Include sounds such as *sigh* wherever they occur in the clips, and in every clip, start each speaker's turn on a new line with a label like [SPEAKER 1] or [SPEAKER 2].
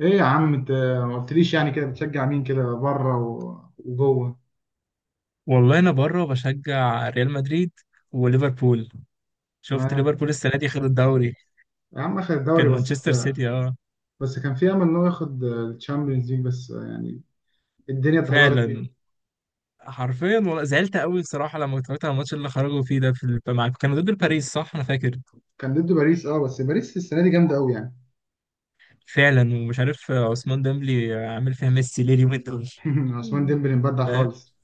[SPEAKER 1] ايه يا عم انت، ما قلتليش يعني كده بتشجع مين كده بره وجوه؟
[SPEAKER 2] والله انا بره بشجع ريال مدريد وليفربول. شفت
[SPEAKER 1] تمام.
[SPEAKER 2] ليفربول السنه دي خد الدوري.
[SPEAKER 1] يا عم اخد الدوري
[SPEAKER 2] كان
[SPEAKER 1] بس.
[SPEAKER 2] مانشستر سيتي
[SPEAKER 1] بس كان في امل ان هو ياخد الشامبيونز ليج، بس يعني الدنيا اتدهورت
[SPEAKER 2] فعلا،
[SPEAKER 1] بيهم.
[SPEAKER 2] حرفيا والله زعلت قوي بصراحه لما اتفرجت على الماتش اللي خرجوا فيه ده كانوا ضد باريس، صح انا فاكر.
[SPEAKER 1] كان ضد باريس اه، بس باريس السنه دي جامده قوي يعني.
[SPEAKER 2] فعلا، ومش عارف عثمان ديمبلي عامل فيها ميسي ليه اليومين دول.
[SPEAKER 1] *laughs* عثمان ديمبلي مبدع
[SPEAKER 2] فاهم؟
[SPEAKER 1] خالص.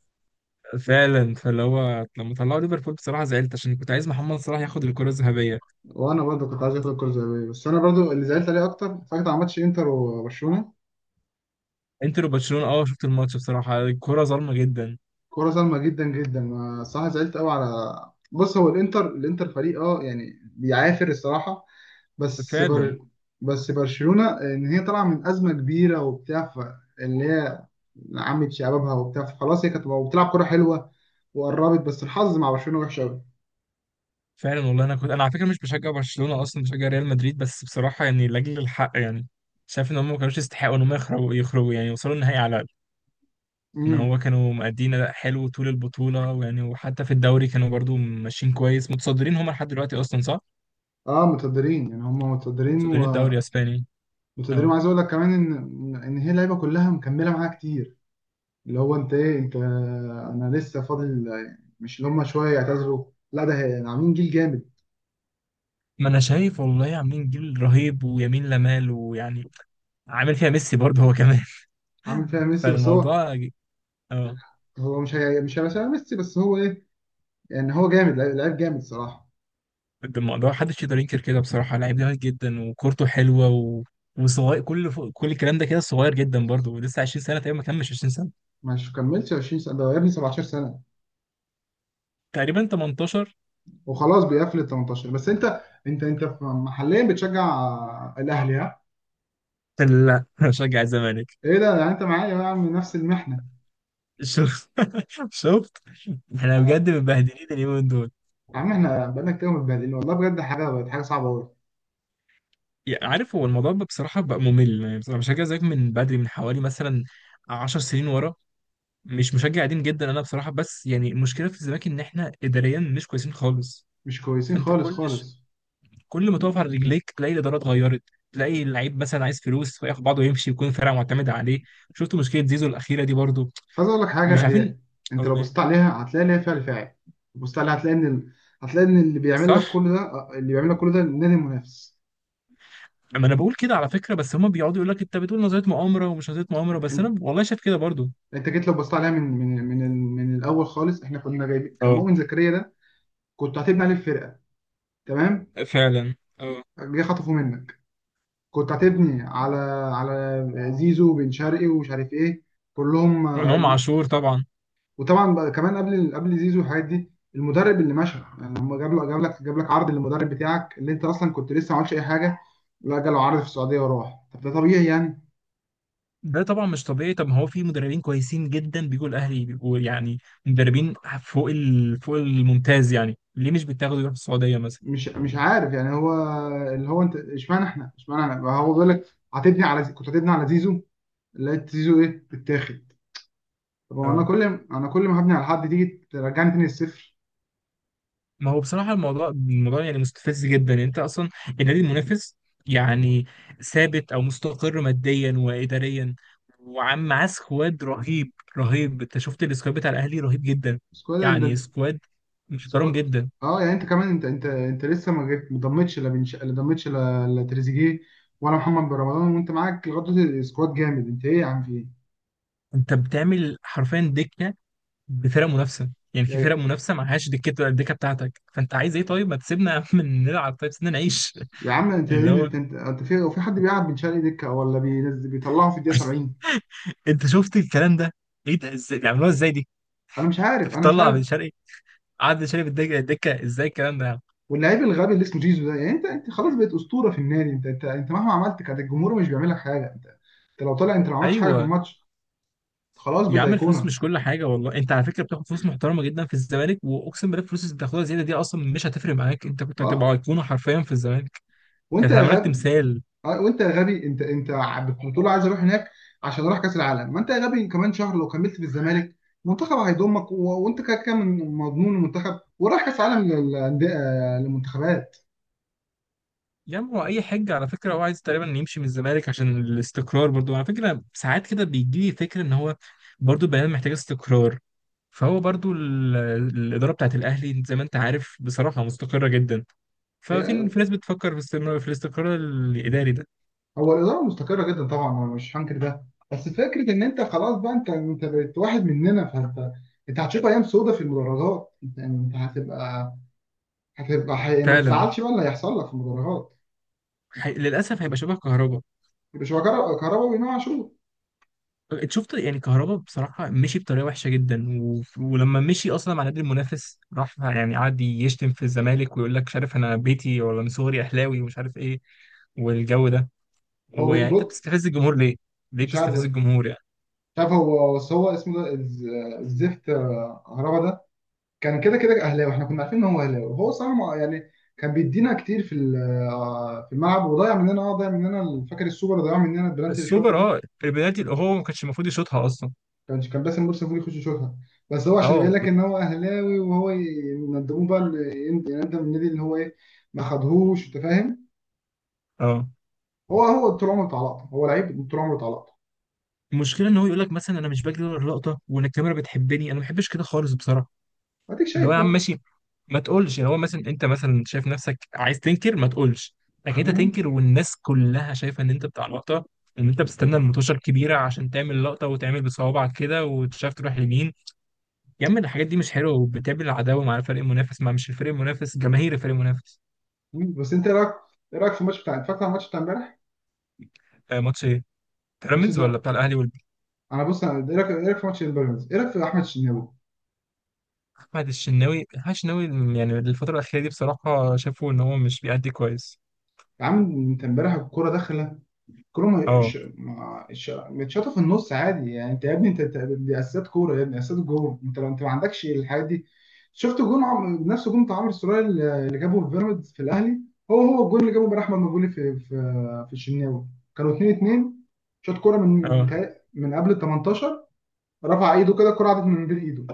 [SPEAKER 2] فعلا، فاللي هو لما طلعوا ليفربول بصراحه زعلت عشان كنت عايز محمد صلاح ياخد الكره الذهبيه.
[SPEAKER 1] وانا برضو كنت عايز اخد الكره الذهبيه، بس انا برضو اللي زعلت عليه اكتر فاكر على ماتش انتر وبرشلونه.
[SPEAKER 2] انتر وبرشلونه، اه شفت الماتش بصراحه الكره ظالمه جدا.
[SPEAKER 1] كوره ظالمه جدا جدا، ما صح؟ زعلت قوي على... بص، هو الانتر فريق يعني بيعافر الصراحه. بس
[SPEAKER 2] فعلا.
[SPEAKER 1] بر... بس برشلونة ان هي طالعة من أزمة كبيرة وبتاع اللي هي عمت شبابها وبتاع، فخلاص هي كانت بتلعب كرة حلوة. وقربت، بس الحظ مع برشلونة وحش قوي.
[SPEAKER 2] فعلا والله انا كنت، انا على فكره مش بشجع برشلونه اصلا، بشجع ريال مدريد، بس بصراحه يعني لاجل الحق يعني شايف ان هم ما كانوش يستحقوا ان هم يخرجوا يعني، وصلوا النهائي على الاقل. ان هو
[SPEAKER 1] امم.
[SPEAKER 2] كانوا مأدين اداء حلو طول البطوله، ويعني وحتى في الدوري كانوا برضو ماشيين كويس، متصدرين هم لحد دلوقتي اصلا صح؟
[SPEAKER 1] اه متقدرين يعني، هم متقدرين
[SPEAKER 2] متصدرين الدوري
[SPEAKER 1] ومتقدرين.
[SPEAKER 2] الاسباني. اه.
[SPEAKER 1] وعايز اقول لك كمان ان هي اللعيبه كلها مكمله معاها كتير. اللي هو انت ايه، انت انا لسه فاضل. مش اللي هم شويه يعتذروا. لا ده عاملين جيل جامد.
[SPEAKER 2] ما انا شايف والله عاملين جيل رهيب ويمين لمال، ويعني عامل فيها ميسي برضه هو كمان.
[SPEAKER 1] عامل فيها
[SPEAKER 2] *laughs*
[SPEAKER 1] ميسي بس هو.
[SPEAKER 2] فالموضوع اه
[SPEAKER 1] هو مش هي مش هيبقى شبه ميسي بس هو ايه. يعني هو جامد، لعيب لعيب جامد صراحه.
[SPEAKER 2] الموضوع محدش يقدر ينكر كده بصراحة، لعيب جامد جدا وكورته حلوة وصغير، كل الكلام ده كده صغير جدا برضه، ولسه 20 سنة تقريبا، ما كملش 20 سنة،
[SPEAKER 1] مش كملتش 20 سنه، ده يا ابني 17 سنه.
[SPEAKER 2] تقريبا 18.
[SPEAKER 1] وخلاص بيقفل ال 18. بس انت، انت محليا بتشجع الاهلي، ها؟
[SPEAKER 2] لا، *laughs* أنا بشجع الزمالك.
[SPEAKER 1] ايه ده؟ يعني انت معايا يا عم نفس المحنه.
[SPEAKER 2] شوف، *laughs* شفت. احنا بجد
[SPEAKER 1] انا...
[SPEAKER 2] متبهدلين اليومين دول.
[SPEAKER 1] يا عم احنا بقالنا كتير متبهدلين والله بجد، حاجه بقت حاجه صعبه قوي.
[SPEAKER 2] يعني عارف، هو الموضوع بقى بصراحة بقى ممل. يعني بصراحة بشجع الزمالك من بدري، من حوالي مثلا 10 سنين ورا، مش مشجع قديم جدا انا بصراحة. بس يعني المشكلة في الزمالك ان احنا اداريا مش كويسين خالص.
[SPEAKER 1] مش كويسين
[SPEAKER 2] فانت
[SPEAKER 1] خالص
[SPEAKER 2] كل
[SPEAKER 1] خالص.
[SPEAKER 2] كل ما تقف على رجليك تلاقي الاداره اتغيرت، تلاقي اللعيب مثلا عايز فلوس فياخد بعضه ويمشي، يكون الفرقه معتمده عليه. شفت مشكله زيزو الاخيره دي برضو؟
[SPEAKER 1] بس عايز اقول لك
[SPEAKER 2] مش
[SPEAKER 1] حاجه
[SPEAKER 2] عارفين.
[SPEAKER 1] هي، انت
[SPEAKER 2] اقول
[SPEAKER 1] لو
[SPEAKER 2] ايه؟
[SPEAKER 1] بصيت عليها هتلاقي ليها فعل فاعل. بصيت عليها هتلاقي ان هتلاقي ان
[SPEAKER 2] صح.
[SPEAKER 1] اللي بيعمل لك كل ده النادي المنافس.
[SPEAKER 2] اما انا بقول كده على فكره، بس هما بيقعدوا يقول لك انت بتقول نظريه مؤامره ومش نظريه مؤامره، بس
[SPEAKER 1] انت
[SPEAKER 2] انا والله شايف كده برضو.
[SPEAKER 1] انت جيت لو بصيت عليها من الاول خالص، احنا كنا جايبين كان
[SPEAKER 2] اه.
[SPEAKER 1] مؤمن زكريا ده. كنت هتبني عليه الفرقه، تمام.
[SPEAKER 2] فعلا اه.
[SPEAKER 1] جه خطفه منك. كنت هتبني على زيزو بن شرقي ومش عارف ايه، كلهم.
[SPEAKER 2] وامام عاشور طبعا.
[SPEAKER 1] وطبعا بقى كمان قبل زيزو والحاجات دي، المدرب اللي مشى يعني، هم جاب لك عرض للمدرب بتاعك اللي انت اصلا كنت لسه ما عملتش اي حاجه. لا، جاله عرض في السعوديه وراح، طب ده طبيعي يعني؟
[SPEAKER 2] ده طبعا مش طبيعي، طب ما هو في مدربين كويسين جدا بيجوا الاهلي بيبقوا يعني مدربين فوق الممتاز، يعني ليه مش بيتاخدوا يروحوا السعوديه مثلا؟
[SPEAKER 1] مش عارف يعني هو... اللي هو انت اشمعنى احنا بقى. هو بيقول لك كنت هتبني على زيزو، لقيت زيزو ايه، بتاخد. طب هو انا
[SPEAKER 2] اه.
[SPEAKER 1] كل انا كل ما هبني على حد تيجي ترجعني تاني الصفر.
[SPEAKER 2] ما هو بصراحة الموضوع، الموضوع يعني مستفز جدا. يعني انت اصلا النادي المنافس يعني ثابت او مستقر ماديا واداريا، وعم معاه سكواد رهيب رهيب. انت شفت السكواد بتاع الاهلي، رهيب جدا.
[SPEAKER 1] بس كده
[SPEAKER 2] يعني
[SPEAKER 1] ده.
[SPEAKER 2] سكواد محترم
[SPEAKER 1] سكو...
[SPEAKER 2] جدا.
[SPEAKER 1] اه يعني انت كمان انت لسه ما ضمتش لا ضمتش لا تريزيجيه، ولا محمد بن رمضان. وانت معاك لغايه دلوقتي سكواد جامد، انت ايه يا عم، في ايه؟
[SPEAKER 2] انت بتعمل حرفيا دكة بفرق منافسة، يعني في فرق
[SPEAKER 1] يا
[SPEAKER 2] منافسة معهاش دكة الدكة بتاعتك، فانت عايز ايه؟ طيب ما تسيبنا *laughs* يا عم نلعب، طيب سيبنا نعيش.
[SPEAKER 1] يا عم،
[SPEAKER 2] *laughs*
[SPEAKER 1] انت
[SPEAKER 2] اللي هو.
[SPEAKER 1] انت انت, انت في حد بيلعب بن شرقي دكه، ولا بينزل بيطلعه في الدقيقه
[SPEAKER 2] *laughs*
[SPEAKER 1] 70؟
[SPEAKER 2] انت شفت الكلام ده؟ ايه ده، ازاي بيعملوها ازاي دي؟
[SPEAKER 1] انا مش
[SPEAKER 2] انت
[SPEAKER 1] عارف، انا مش
[SPEAKER 2] بتطلع بن
[SPEAKER 1] عارف.
[SPEAKER 2] شرقي، قعد شارب الدكه. الدكه ازاي الكلام ده يا عم؟
[SPEAKER 1] واللعيب الغبي اللي اسمه زيزو ده، يعني انت خلاص بقيت اسطوره في النادي. انت مهما عملت كان الجمهور مش بيعمل لك حاجه. انت لو طلع انت ما عملتش حاجه في
[SPEAKER 2] ايوه.
[SPEAKER 1] الماتش، خلاص
[SPEAKER 2] يا
[SPEAKER 1] بقيت
[SPEAKER 2] عم الفلوس مش
[SPEAKER 1] ايقونه.
[SPEAKER 2] كل حاجه والله، انت على فكره بتاخد فلوس محترمه جدا في الزمالك، واقسم بالله الفلوس اللي بتاخدها زياده دي اصلا مش هتفرق معاك، انت كنت
[SPEAKER 1] اه
[SPEAKER 2] هتبقى ايقونه حرفيا في الزمالك.
[SPEAKER 1] وانت
[SPEAKER 2] كانت
[SPEAKER 1] يا
[SPEAKER 2] هتعمل لك
[SPEAKER 1] غبي.
[SPEAKER 2] تمثال.
[SPEAKER 1] وانت يا غبي، انت بتقول له عايز اروح هناك عشان اروح كاس العالم. ما انت يا غبي، كمان شهر لو كملت في الزمالك المنتخب هيضمك، وانت كده كده مضمون المنتخب، ورايح كاس عالم للمنتخبات.
[SPEAKER 2] يا عم هو اي حاجه، على فكره هو عايز تقريبا يمشي من الزمالك عشان الاستقرار برضو. على فكره ساعات كده بيجي لي فكره ان هو برضو البيان محتاج استقرار، فهو برضو الاداره بتاعت الاهلي زي ما انت عارف بصراحه مستقره جدا، ففي
[SPEAKER 1] آه،
[SPEAKER 2] في ناس بتفكر في استمرار، في الاستقرار الاداري ده.
[SPEAKER 1] هو الاداره مستقره جدا طبعا، انا مش هنكر ده. بس فكره ان انت خلاص بقى، انت بقيت واحد مننا، فانت انت هتشوف ايام سودة في المدرجات. انت هتبقى... ما
[SPEAKER 2] فعلا.
[SPEAKER 1] تزعلش بقى اللي هيحصل لك في المدرجات.
[SPEAKER 2] للاسف هيبقى شبه كهربا.
[SPEAKER 1] مش هو كهرباء، كهرباء وامام عاشور.
[SPEAKER 2] انت شفت يعني، كهربا بصراحه مشي بطريقه وحشه جدا ولما مشي اصلا مع نادي المنافس راح يعني قعد يشتم في الزمالك ويقول لك مش عارف انا بيتي ولا من صغري اهلاوي ومش عارف ايه، والجو ده. ويعني انت
[SPEAKER 1] بص،
[SPEAKER 2] بتستفز الجمهور ليه؟ ليه
[SPEAKER 1] مش
[SPEAKER 2] بتستفز
[SPEAKER 1] عارف.
[SPEAKER 2] الجمهور يعني؟
[SPEAKER 1] شايف هو بس هو اسمه ده الزفت هربا ده، كان كده كده اهلاوي، احنا كنا عارفين ان هو اهلاوي. وهو صراحه يعني كان بيدينا كتير في ال- آه، في الملعب، وضيع مننا، ضيع مننا فاكر السوبر، ضيع مننا البلانتي اللي شاطه
[SPEAKER 2] السوبر
[SPEAKER 1] ده.
[SPEAKER 2] اه، البنالتي اللي هو ما كانش المفروض يشوطها اصلا.
[SPEAKER 1] كان باسم مرسي المفروض يخش يشوطها. بس هو عشان يبين
[SPEAKER 2] اه.
[SPEAKER 1] لك ان هو اهلاوي، وهو يندموه بقى يندم النادي، اللي هو ايه، ما خدهوش، انت فاهم.
[SPEAKER 2] اه.
[SPEAKER 1] هو طول عمره بتاع لقطه، هو لعيب طول عمره بتاع لقطه،
[SPEAKER 2] المشكله ان هو يقول لك مثلا انا مش بجري ورا اللقطه وان الكاميرا بتحبني، انا ما بحبش كده خالص بصراحه.
[SPEAKER 1] اديك
[SPEAKER 2] اللي هو يا
[SPEAKER 1] شايف
[SPEAKER 2] عم
[SPEAKER 1] اهو.
[SPEAKER 2] ماشي، ما تقولش اللي هو مثلا، انت مثلا شايف نفسك عايز تنكر ما تقولش، لكن انت
[SPEAKER 1] مم.
[SPEAKER 2] تنكر والناس كلها شايفه ان انت بتاع لقطه، ان انت بتستنى المطوشه الكبيره عشان تعمل لقطه، وتعمل بصوابعك كده وتشاف تروح يمين. يا عم الحاجات دي مش حلوه، وبتقابل العداوه مع الفريق المنافس، مع مش الفريق المنافس، جماهير الفريق المنافس.
[SPEAKER 1] مم. بس انت ايه رايك، في الماتش بتاع، اتفرجت على الماتش بتاع امبارح؟
[SPEAKER 2] آه، ماتش ايه؟
[SPEAKER 1] ماتش...
[SPEAKER 2] بيراميدز ولا بتاع الاهلي
[SPEAKER 1] انا بص، انا ايه رايك، في ماتش البيراميدز، ايه رايك في احمد الشناوي؟
[SPEAKER 2] احمد الشناوي. احمد الشناوي يعني الفتره الاخيره دي بصراحه شافوا ان هو مش بيأدي كويس.
[SPEAKER 1] يا عم انت امبارح الكوره داخله، الكوره
[SPEAKER 2] اه.
[SPEAKER 1] متشاطه في النص عادي يعني. انت يا ابني، دي اساسات كوره يا ابني، اساسات جول. انت لو ما عندكش الحاجات دي، شفت جون نفس جون بتاع عمرو السولية اللي جابه في بيراميدز في الاهلي. هو الجون اللي جابه امبارح احمد مجولي في الشناوي. كانوا 2-2، شاط كوره من
[SPEAKER 2] اه.
[SPEAKER 1] من قبل ال 18، رفع ايده كده الكوره عدت من بين ايده.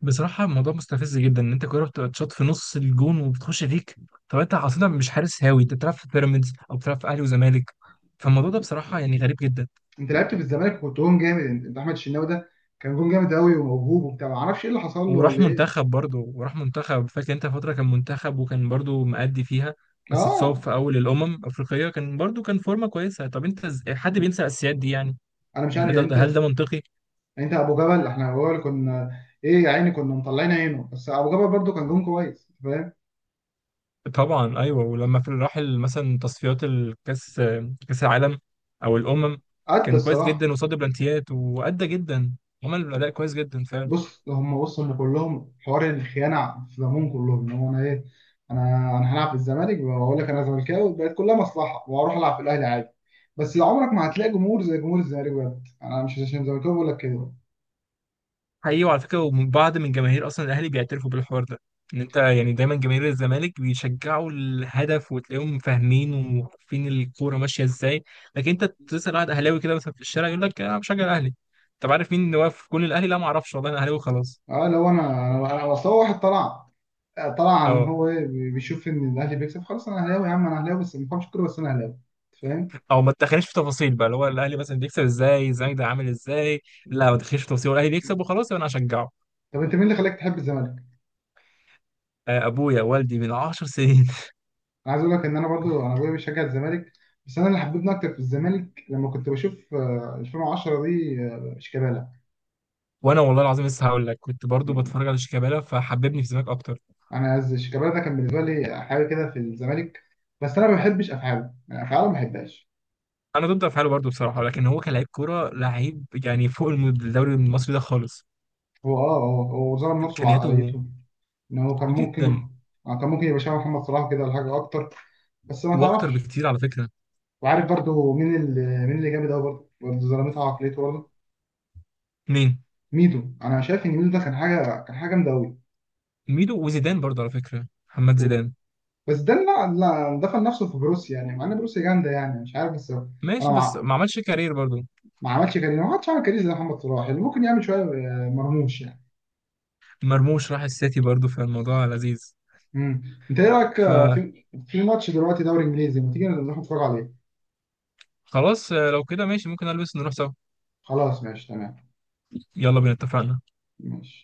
[SPEAKER 2] بصراحة الموضوع مستفز جدا، ان انت كورة بتتشاط في نص الجون وبتخش فيك. طب انت اصلا مش حارس هاوي، انت بتلعب في بيراميدز او بتلعب في اهلي وزمالك، فالموضوع ده بصراحة يعني غريب جدا.
[SPEAKER 1] انت لعبت في الزمالك وكنت جون جامد. انت احمد الشناوي ده كان جون جامد قوي وموهوب وبتاع، ما اعرفش ايه اللي حصل له ولا
[SPEAKER 2] وراح
[SPEAKER 1] ايه.
[SPEAKER 2] منتخب برضه، وراح منتخب فاكر انت فترة، كان منتخب وكان برضه مأدي فيها، بس اتصاب
[SPEAKER 1] اه
[SPEAKER 2] في اول الامم الافريقية. كان برضه كان فورمة كويسة، طب انت حد بينسى الاساسيات دي يعني؟
[SPEAKER 1] انا مش
[SPEAKER 2] يعني هل
[SPEAKER 1] عارف يعني.
[SPEAKER 2] ده، هل
[SPEAKER 1] انت
[SPEAKER 2] ده منطقي؟
[SPEAKER 1] يعني، انت ابو جبل، احنا هو اللي كنا، ايه يا عيني، كنا مطلعين عينه، بس ابو جبل برضو كان جون كويس فاهم،
[SPEAKER 2] طبعا، ايوه ولما في الراحل مثلا تصفيات الكاس، كاس العالم او الامم،
[SPEAKER 1] قد
[SPEAKER 2] كان كويس
[SPEAKER 1] الصراحه.
[SPEAKER 2] جدا وصد بلانتيات وادى جدا. عمل اداء كويس جدا فعلا.
[SPEAKER 1] بص، هم وصلوا ان كلهم حوار الخيانه في دمهم كلهم. ان هو انا ايه، انا انا هلعب في الزمالك واقول لك انا زملكاوي، بقت كلها مصلحه، واروح العب في الاهلي عادي. بس لو عمرك ما هتلاقي جمهور زي جمهور الزمالك بجد، انا مش عشان زملكاوي بقول لك كده.
[SPEAKER 2] حقيقي، وعلى فكره وبعض من جماهير اصلا الاهلي بيعترفوا بالحوار ده، ان انت يعني دايما جماهير الزمالك بيشجعوا الهدف وتلاقيهم فاهمين وعارفين الكوره ماشيه ازاي. لكن انت تسال واحد اهلاوي كده مثلا في الشارع يقول لك انا بشجع الاهلي، طب عارف مين اللي واقف في جون الاهلي؟ لا ما اعرفش، والله انا اهلاوي خلاص.
[SPEAKER 1] اه، لو اصل هو واحد طلع، طلع ان هو ايه، بيشوف ان الاهلي بيكسب، خلاص انا اهلاوي يا عم، انا اهلاوي بس ما بفهمش كوره، بس انا اهلاوي، أنت فاهم.
[SPEAKER 2] او ما تدخليش في تفاصيل بقى، اللي هو الاهلي مثلا بيكسب ازاي، زايد عامل ازاي، لا ما تدخليش في تفاصيل، الاهلي بيكسب وخلاص يبقى انا هشجعه.
[SPEAKER 1] طب انت مين اللي خلاك تحب الزمالك؟
[SPEAKER 2] آه، ابويا والدي من 10 سنين.
[SPEAKER 1] انا عايز اقول لك ان انا برضو، انا ابويا بيشجع الزمالك. بس انا اللي حببني اكتر في الزمالك لما كنت بشوف 2010 دي، شيكابالا.
[SPEAKER 2] *laughs* وانا والله العظيم لسه هقول لك، كنت برضو بتفرج على شيكابالا فحببني في سماك اكتر.
[SPEAKER 1] شيكابالا ده كان بالنسبه لي حاجه كده في الزمالك. بس انا ما بحبش افعاله، يعني افعاله ما بحبهاش.
[SPEAKER 2] انا ضد افعاله برضو بصراحه، لكن هو كلاعب كوره لعيب يعني فوق الدوري المصري ده خالص.
[SPEAKER 1] هو اه هو هو ظلم نفسه
[SPEAKER 2] امكانياته
[SPEAKER 1] بعقليته، ان هو كان ممكن...
[SPEAKER 2] جدا،
[SPEAKER 1] كان ممكن يبقى شبه محمد صلاح كده، ولا حاجه اكتر، بس ما
[SPEAKER 2] واكتر
[SPEAKER 1] تعرفش.
[SPEAKER 2] بكتير على فكره.
[SPEAKER 1] وعارف برضو مين اللي... مين اللي جامد قوي برضو، ظلمتها عقليته برضو،
[SPEAKER 2] مين؟
[SPEAKER 1] ميدو. انا شايف ان ميدو ده كان حاجه، كان حاجه جامده قوي.
[SPEAKER 2] ميدو وزيدان برضو على فكره، محمد زيدان.
[SPEAKER 1] بس ده لا لا، دفن نفسه في بروسيا يعني، مع ان بروسيا جامده يعني، مش عارف بس انا...
[SPEAKER 2] ماشي بس
[SPEAKER 1] ما
[SPEAKER 2] ما عملش كارير برضو.
[SPEAKER 1] ما عملش كارير، ما حدش عمل كارير زي محمد صلاح، اللي ممكن يعمل شويه مرموش يعني.
[SPEAKER 2] مرموش راح السيتي برضو، فالموضوع لذيذ.
[SPEAKER 1] امم. انت ايه رايك في ماتش دلوقتي دوري انجليزي، ما تيجي نروح نتفرج عليه؟
[SPEAKER 2] خلاص آه، لو كده ماشي، ممكن البس نروح سوا.
[SPEAKER 1] خلاص ماشي تمام.
[SPEAKER 2] يلا بينا، اتفقنا.
[SPEAKER 1] ماشي.